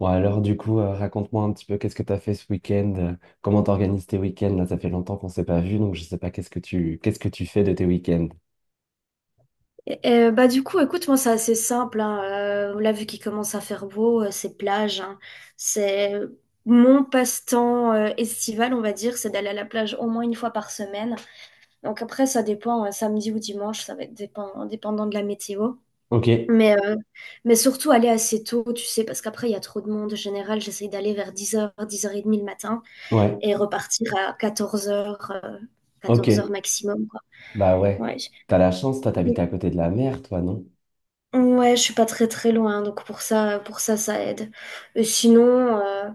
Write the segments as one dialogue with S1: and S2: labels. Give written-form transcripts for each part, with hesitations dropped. S1: Bon, alors du coup, raconte-moi un petit peu qu'est-ce que tu as fait ce week-end, comment t'organises tes week-ends, là ça fait longtemps qu'on s'est pas vu, donc je sais pas qu'est-ce que tu fais de tes week-ends.
S2: Bah du coup, écoute, moi c'est assez simple. Hein. Là, vu qu'il commence à faire beau, c'est plage, hein. C'est mon passe-temps estival, on va dire, c'est d'aller à la plage au moins une fois par semaine. Donc après, ça dépend, samedi ou dimanche, ça va être dépendant de la météo.
S1: Ok,
S2: Mais, euh, mais surtout aller assez tôt, tu sais, parce qu'après, il y a trop de monde. En général, j'essaye d'aller vers 10h, 10h30 le matin
S1: ouais,
S2: et repartir à 14h,
S1: ok,
S2: quatorze heures maximum, quoi.
S1: bah ouais,
S2: Ouais.
S1: t'as la chance, toi t'habites à côté de la mer, toi, non?
S2: Ouais, je suis pas très très loin, hein, donc pour ça, ça aide. Et sinon, euh,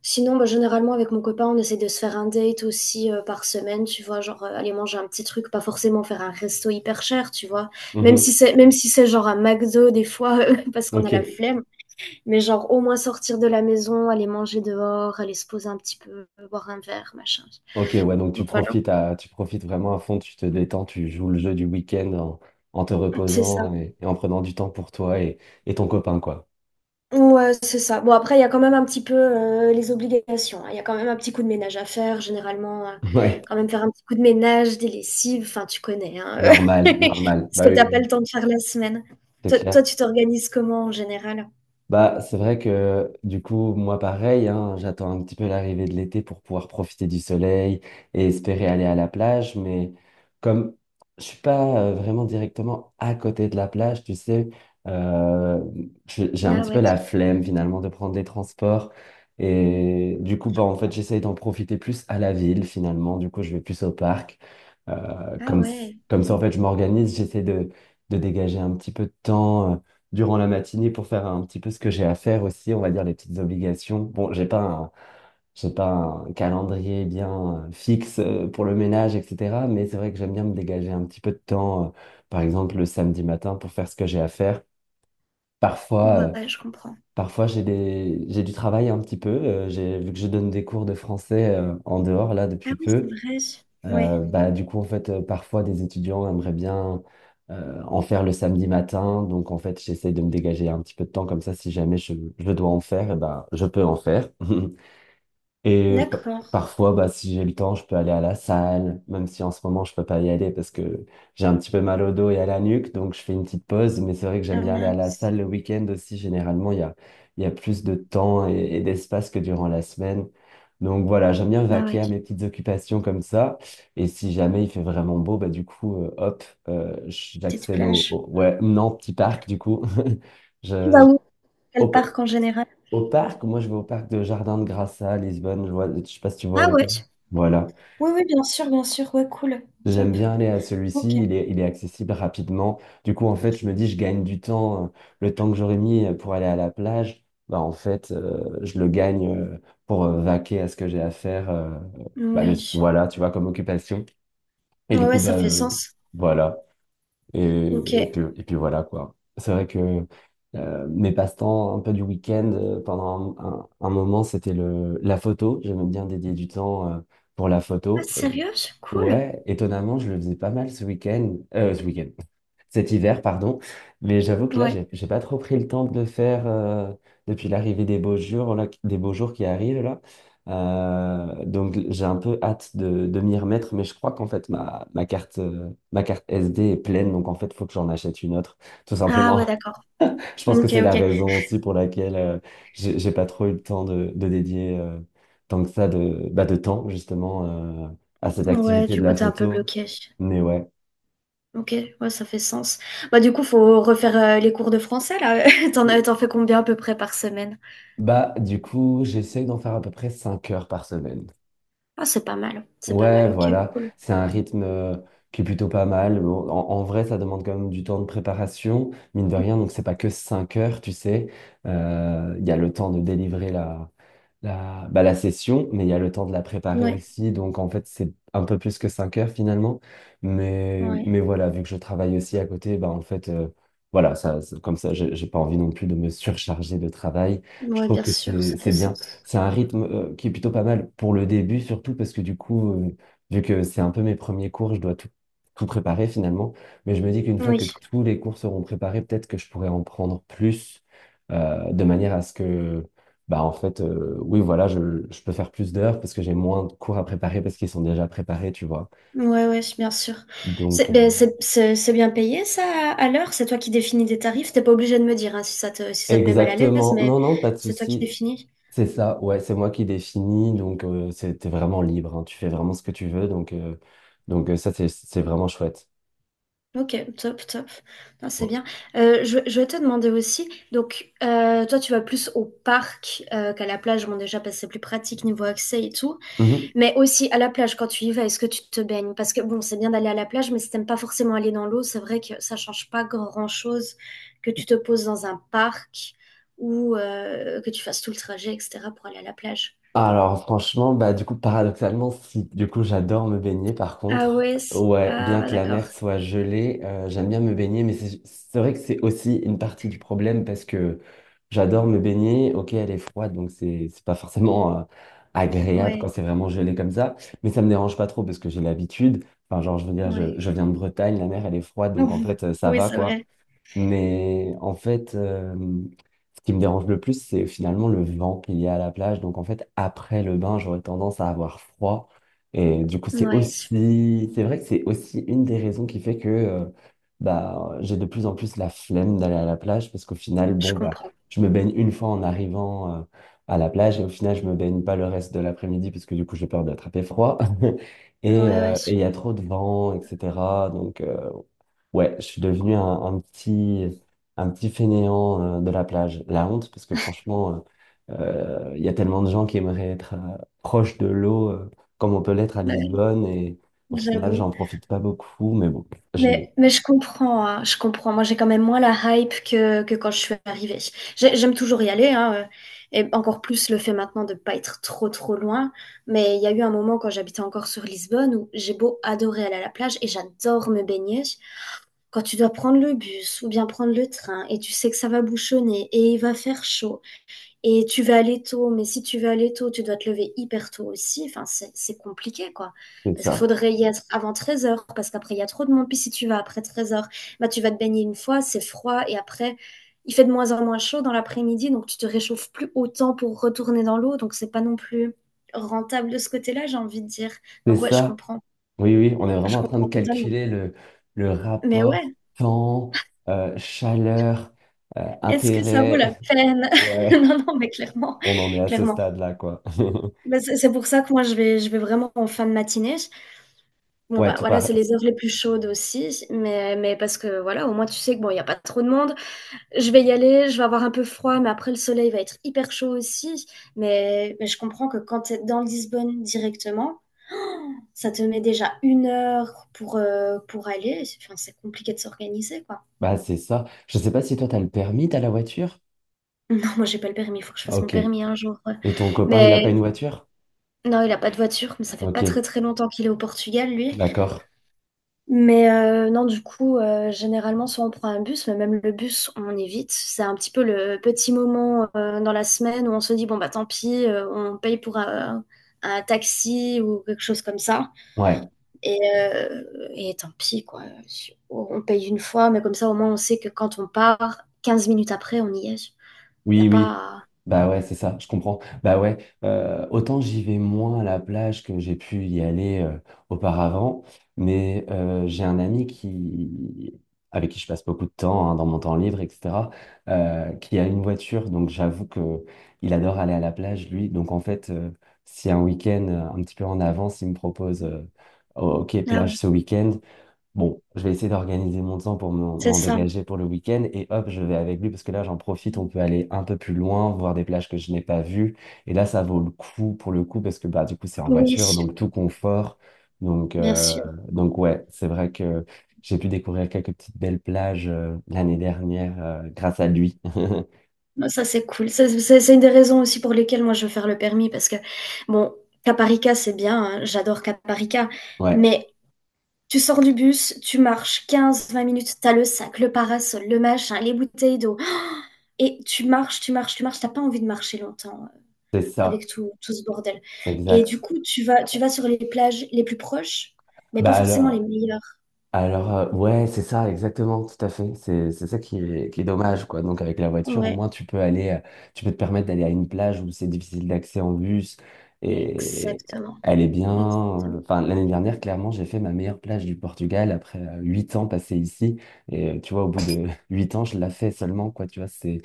S2: sinon, bah, généralement avec mon copain, on essaie de se faire un date aussi par semaine, tu vois, genre aller manger un petit truc, pas forcément faire un resto hyper cher, tu vois. Même
S1: Mhm.
S2: si c'est, même si c'est genre un McDo des fois, parce qu'on a
S1: Ok,
S2: la flemme, mais genre au moins sortir de la maison, aller manger dehors, aller se poser un petit peu, boire un verre, machin.
S1: ok, ouais, donc
S2: Donc voilà,
S1: tu profites vraiment à fond, tu te détends, tu joues le jeu du week-end en, te
S2: c'est ça.
S1: reposant et en prenant du temps pour toi et ton copain, quoi.
S2: Ouais, c'est ça. Bon, après, il y a quand même un petit peu les obligations, hein. Il y a quand même un petit coup de ménage à faire, généralement.
S1: Ouais,
S2: Quand même faire un petit coup de ménage, des lessives, enfin, tu connais, hein,
S1: normal, normal,
S2: ce
S1: bah
S2: que
S1: oui,
S2: t'as
S1: oui,
S2: pas le
S1: oui,
S2: temps de faire la semaine.
S1: c'est
S2: Toi,
S1: clair.
S2: tu t'organises comment en général?
S1: Bah, c'est vrai que du coup, moi pareil, hein, j'attends un petit peu l'arrivée de l'été pour pouvoir profiter du soleil et espérer aller à la plage, mais comme je suis pas vraiment directement à côté de la plage, tu sais, euh, j'ai un
S2: Ah
S1: petit peu
S2: ouais.
S1: la flemme finalement de prendre des transports. Et du coup, bah, en fait, j'essaye d'en profiter plus à la ville finalement. Du coup, je vais plus au parc. Euh,
S2: Ah
S1: comme,
S2: ouais.
S1: comme ça, en fait, je m'organise, j'essaie de dégager un petit peu de temps, durant la matinée pour faire un petit peu ce que j'ai à faire aussi, on va dire les petites obligations. Bon, j'ai pas un calendrier bien fixe pour le ménage, etc. Mais c'est vrai que j'aime bien me dégager un petit peu de temps, par exemple le samedi matin pour faire ce que j'ai à faire. Parfois, euh,
S2: Ouais, je comprends.
S1: Parfois j'ai du travail un petit peu. Vu que je donne des cours de français en dehors là
S2: Ah
S1: depuis
S2: oui, c'est
S1: peu.
S2: vrai. Ouais.
S1: Bah, du coup, en fait, parfois, des étudiants aimeraient bien en faire le samedi matin. Donc, en fait, j'essaie de me dégager un petit peu de temps. Comme ça, si jamais je dois en faire, eh ben, je peux en faire. Et
S2: D'accord.
S1: parfois, bah, si j'ai le temps, je peux aller à la salle, même si en ce moment, je peux pas y aller parce que j'ai un petit peu mal au dos et à la nuque, donc je fais une petite pause. Mais c'est vrai que j'aime
S2: Ah
S1: bien aller à la
S2: mince.
S1: salle le week-end aussi. Généralement, il y a plus de temps et d'espace que durant la semaine. Donc voilà, j'aime bien
S2: Ah
S1: vaquer
S2: ouais.
S1: à mes petites occupations comme ça. Et si jamais il fait vraiment beau, bah, du coup, hop,
S2: Petite
S1: j'accède
S2: plage.
S1: ouais, non, petit parc, du coup.
S2: Tu
S1: Je,
S2: vas
S1: je-
S2: où? Quel
S1: Hop
S2: parc en général?
S1: au parc, moi je vais au parc de Jardin de Grassa à Lisbonne, je vois, je sais pas si tu vois
S2: Ah ouais.
S1: lequel. Voilà.
S2: Oui, oui, bien sûr, bien sûr. Ouais, cool.
S1: J'aime
S2: Top.
S1: bien aller à
S2: Ok.
S1: celui-ci, il est accessible rapidement. Du coup, en fait, je me dis, je gagne du temps. Le temps que j'aurais mis pour aller à la plage, bah en fait, je le gagne euh, pour vaquer à ce que j'ai à faire.
S2: Oui.
S1: Voilà, tu vois, comme occupation. Et
S2: Ouais,
S1: du coup,
S2: ouais, ça
S1: bah,
S2: fait sens.
S1: voilà. Et,
S2: Ok.
S1: et
S2: Ah,
S1: puis, et puis voilà, quoi. C'est vrai que mes passe-temps un peu du week-end, pendant un moment, c'était la photo. J'aimais bien dédier du temps pour la photo.
S2: sérieux? C'est cool.
S1: Ouais, étonnamment, je le faisais pas mal ce week-end. Ce week-end. Cet hiver, pardon. Mais j'avoue que là,
S2: Ouais.
S1: j'ai pas trop pris le temps de le faire depuis l'arrivée des beaux jours, là, des beaux jours qui arrivent là. Donc j'ai un peu hâte de, m'y remettre, mais je crois qu'en fait ma carte SD est pleine, donc en fait faut que j'en achète une autre, tout
S2: Ah
S1: simplement.
S2: ouais, d'accord.
S1: Je pense que
S2: Ok,
S1: c'est la
S2: ok.
S1: raison aussi pour laquelle j'ai pas trop eu le temps de dédier tant que ça de temps justement à cette
S2: Ouais,
S1: activité
S2: du
S1: de
S2: coup,
S1: la
S2: t'es un peu
S1: photo.
S2: bloqué.
S1: Mais ouais.
S2: Ok, ouais, ça fait sens. Bah, du coup, faut refaire les cours de français, là. T'en fais combien à peu près par semaine?
S1: Bah, du coup, j'essaye d'en faire à peu près 5 heures par semaine.
S2: Ah, c'est pas mal. C'est pas
S1: Ouais,
S2: mal, ok,
S1: voilà,
S2: cool.
S1: c'est un rythme qui est plutôt pas mal. Bon, en vrai, ça demande quand même du temps de préparation, mine de
S2: Bien
S1: rien, donc c'est
S2: sûr.
S1: pas que 5 heures, tu sais. Il y a le temps de délivrer la session, mais il y a le temps de la préparer
S2: Ouais,
S1: aussi, donc en fait, c'est un peu plus que 5 heures finalement. Mais,
S2: ouais.
S1: mais voilà, vu que je travaille aussi à côté, bah, en fait, voilà, comme ça, j'ai pas envie non plus de me surcharger de travail. Je
S2: Ouais,
S1: trouve
S2: bien
S1: que
S2: sûr,
S1: c'est
S2: ça
S1: c'est
S2: fait
S1: bien.
S2: sens.
S1: C'est un rythme qui est plutôt pas mal pour le début, surtout parce que du coup, vu que c'est un peu mes premiers cours, je dois tout préparer finalement. Mais je me dis qu'une fois
S2: Oui.
S1: que tous les cours seront préparés, peut-être que je pourrais en prendre plus de manière à ce que, bah en fait, oui, voilà, je peux faire plus d'heures parce que j'ai moins de cours à préparer parce qu'ils sont déjà préparés, tu vois.
S2: Ouais, ouais, bien sûr.
S1: Donc,
S2: C'est ben, c'est bien payé, ça, à l'heure? C'est toi qui définis des tarifs. T'es pas obligé de me dire hein, si ça te met mal à l'aise,
S1: exactement.
S2: mais
S1: Non, non, pas de
S2: c'est toi qui
S1: souci.
S2: définis.
S1: C'est ça, ouais, c'est moi qui définis, donc t'es vraiment libre, hein, tu fais vraiment ce que tu veux, donc, ça c'est vraiment chouette.
S2: Ok, top, top. Non, c'est bien. Je vais te demander aussi, donc, toi, tu vas plus au parc qu'à la plage. Bon, déjà, parce que c'est plus pratique niveau accès et tout.
S1: Ouais.
S2: Mais aussi à la plage, quand tu y vas, est-ce que tu te baignes? Parce que bon, c'est bien d'aller à la plage, mais si t'aimes pas forcément aller dans l'eau, c'est vrai que ça change pas grand-chose que tu te poses dans un parc ou que tu fasses tout le trajet, etc., pour aller à la plage.
S1: Alors franchement, bah du coup paradoxalement, si du coup j'adore me baigner par
S2: Ah
S1: contre,
S2: ouais,
S1: ouais, bien
S2: ah
S1: que la
S2: d'accord.
S1: mer soit gelée, j'aime bien me baigner, mais c'est vrai que c'est aussi une partie du problème parce que j'adore me baigner, ok elle est froide donc c'est pas forcément agréable quand
S2: Ouais,
S1: c'est vraiment gelé comme ça, mais ça me dérange pas trop parce que j'ai l'habitude, enfin genre je veux dire je,
S2: ouais.
S1: je viens de Bretagne, la mer elle est froide donc en fait ça
S2: Oui,
S1: va
S2: c'est
S1: quoi.
S2: vrai.
S1: Mais en fait, ce qui me dérange le plus, c'est finalement le vent qu'il y a à la plage. Donc en fait, après le bain, j'aurais tendance à avoir froid. Et du coup, c'est
S2: Ouais,
S1: aussi, c'est vrai que c'est aussi une des raisons qui fait que bah, j'ai de plus en plus la flemme d'aller à la plage parce qu'au final,
S2: je
S1: bon, bah,
S2: comprends.
S1: je me baigne une fois en arrivant à la plage et au final, je me baigne pas le reste de l'après-midi parce que du coup, j'ai peur d'attraper froid.
S2: Ouais,
S1: Et
S2: ouais,
S1: euh, et il y a trop de vent, etc. Donc, euh, Ouais, je suis devenu un petit fainéant de la plage. La honte, parce que franchement, il y a tellement de gens qui aimeraient être proche de l'eau, comme on peut l'être à
S2: ouais,
S1: Lisbonne, et au final,
S2: j'avoue.
S1: j'en profite pas beaucoup, mais bon, je l'ai.
S2: Mais je comprends, hein, je comprends. Moi, j'ai quand même moins la hype que quand je suis arrivée. J'aime toujours y aller, hein, et encore plus le fait maintenant de pas être trop, trop loin. Mais il y a eu un moment quand j'habitais encore sur Lisbonne où j'ai beau adorer aller à la plage et j'adore me baigner. Quand tu dois prendre le bus ou bien prendre le train et tu sais que ça va bouchonner et il va faire chaud et tu vas aller tôt, mais si tu veux aller tôt, tu dois te lever hyper tôt aussi. Enfin, c'est compliqué, quoi.
S1: C'est
S2: Parce qu'il
S1: ça.
S2: faudrait y être avant 13h, parce qu'après, il y a trop de monde. Puis si tu vas après 13h, bah, tu vas te baigner une fois, c'est froid. Et après, il fait de moins en moins chaud dans l'après-midi, donc tu te réchauffes plus autant pour retourner dans l'eau. Donc, c'est pas non plus rentable de ce côté-là, j'ai envie de dire.
S1: C'est
S2: Donc, ouais, je
S1: ça.
S2: comprends.
S1: Oui, oui, on est
S2: Je
S1: vraiment en train
S2: comprends
S1: de
S2: totalement.
S1: calculer le
S2: Mais
S1: rapport
S2: ouais,
S1: temps, chaleur,
S2: est-ce que ça vaut
S1: intérêt.
S2: la peine?
S1: Ouais,
S2: Non, non, mais
S1: on
S2: clairement,
S1: on en est à ce
S2: clairement.
S1: stade-là, quoi.
S2: Bah, c'est pour ça que moi, je vais vraiment en fin de matinée. Bon
S1: Ouais,
S2: bah
S1: tu
S2: voilà,
S1: pars.
S2: c'est les heures les plus chaudes aussi, mais parce que voilà, au moins tu sais que bon, il n'y a pas trop de monde, je vais y aller, je vais avoir un peu froid, mais après le soleil va être hyper chaud aussi. Mais je comprends que quand tu es dans Lisbonne directement, ça te met déjà une heure pour aller. Enfin, c'est compliqué de s'organiser, quoi.
S1: Bah, c'est ça. Je sais pas si toi, t'as le permis, t'as la voiture?
S2: Non, moi j'ai pas le permis, il faut que je fasse mon
S1: Ok.
S2: permis un jour. Ouais.
S1: Et ton copain, il a pas
S2: Mais
S1: une voiture?
S2: non, il a pas de voiture, mais ça fait pas très
S1: Ok,
S2: très longtemps qu'il est au Portugal, lui.
S1: d'accord.
S2: Mais non, du coup, généralement, soit on prend un bus, mais même le bus, on évite. C'est un petit peu le petit moment dans la semaine où on se dit, bon, bah tant pis, on paye pour un taxi ou quelque chose comme ça.
S1: Ouais.
S2: Et, euh, et tant pis, quoi. On paye une fois, mais comme ça, au moins, on sait que quand on part, 15 minutes après, on y est. Il n'y a
S1: Oui, oui.
S2: pas...
S1: Bah ouais, c'est ça, je comprends. Bah ouais, autant j'y vais moins à la plage que j'ai pu y aller auparavant, mais j'ai un ami avec qui je passe beaucoup de temps hein, dans mon temps libre, etc., qui a une voiture, donc j'avoue que il adore aller à la plage, lui. Donc en fait, si un week-end un petit peu en avance, il me propose, Oh, ok,
S2: Ah
S1: plage
S2: oui,
S1: ce week-end, Bon, je vais essayer d'organiser mon temps pour m'en
S2: c'est
S1: m'en
S2: ça.
S1: dégager pour le week-end et hop, je vais avec lui parce que là, j'en profite, on peut aller un peu plus loin, voir des plages que je n'ai pas vues. Et là, ça vaut le coup pour le coup parce que bah, du coup, c'est en
S2: Oui,
S1: voiture, donc tout confort. Donc,
S2: bien
S1: euh,
S2: sûr.
S1: donc, ouais, c'est vrai que j'ai pu découvrir quelques petites belles plages l'année dernière grâce à lui.
S2: Non, ça, c'est cool. Ça, c'est une des raisons aussi pour lesquelles moi je veux faire le permis parce que, bon, Caparica, c'est bien, hein, j'adore Caparica,
S1: Ouais,
S2: mais tu sors du bus, tu marches 15-20 minutes, t'as le sac, le parasol, le machin, les bouteilles d'eau, et tu marches, tu marches, tu marches, t'as pas envie de marcher longtemps
S1: c'est ça,
S2: avec tout, tout ce bordel. Et du
S1: exact.
S2: coup, tu vas sur les plages les plus proches, mais pas
S1: Bah
S2: forcément les
S1: alors.
S2: meilleures.
S1: Alors, ouais, c'est ça, exactement, tout à fait. C'est ça qui est, dommage, quoi. Donc, avec la voiture, au
S2: Ouais,
S1: moins, tu peux te permettre d'aller à une plage où c'est difficile d'accès en bus. Et
S2: exactement.
S1: elle est bien.
S2: Exactement.
S1: Enfin, l'année dernière, clairement, j'ai fait ma meilleure plage du Portugal après 8 ans passés ici. Tu vois, au bout de 8 ans, je la fais seulement, quoi. Tu vois, c'est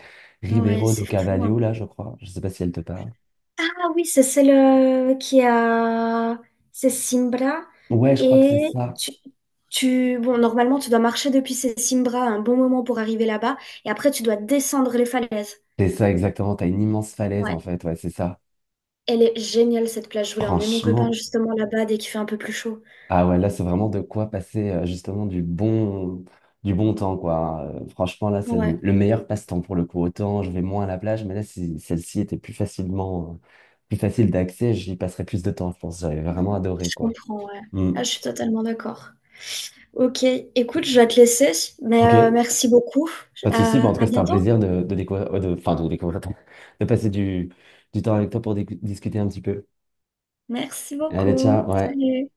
S2: Ouais,
S1: Ribeiro do
S2: c'est fou, hein.
S1: Cavalho, là, je crois. Je sais pas si elle te parle.
S2: Ah oui, c'est celle qui a... C'est Simbra.
S1: Ouais, je crois que c'est
S2: Et
S1: ça.
S2: tu, tu... Bon, normalement, tu dois marcher depuis ces Simbra un bon moment pour arriver là-bas. Et après, tu dois descendre les falaises.
S1: C'est ça, exactement. T'as une immense falaise,
S2: Ouais.
S1: en fait. Ouais, c'est ça.
S2: Elle est géniale, cette plage. Je voulais emmener mon copain
S1: Franchement.
S2: justement là-bas dès qu'il fait un peu plus chaud.
S1: Ah ouais, là, c'est vraiment de quoi passer justement du bon temps, quoi. Franchement, là, c'est le,
S2: Ouais,
S1: le meilleur passe-temps pour le coup. Autant, je vais moins à la plage, mais là, si celle-ci était plus facile d'accès, j'y passerais plus de temps, je pense. J'avais vraiment adoré,
S2: je
S1: quoi.
S2: comprends, ouais. Ah,
S1: Hmm.
S2: je suis totalement d'accord. Ok, écoute, je vais te laisser. Mais
S1: Ok,
S2: merci beaucoup.
S1: pas de souci. Bah,
S2: à
S1: en tout cas,
S2: à
S1: c'était un
S2: bientôt.
S1: plaisir de, découvrir, de, enfin, de de passer du temps avec toi pour discuter un petit peu.
S2: Merci
S1: Allez,
S2: beaucoup.
S1: ciao, ouais.
S2: Salut.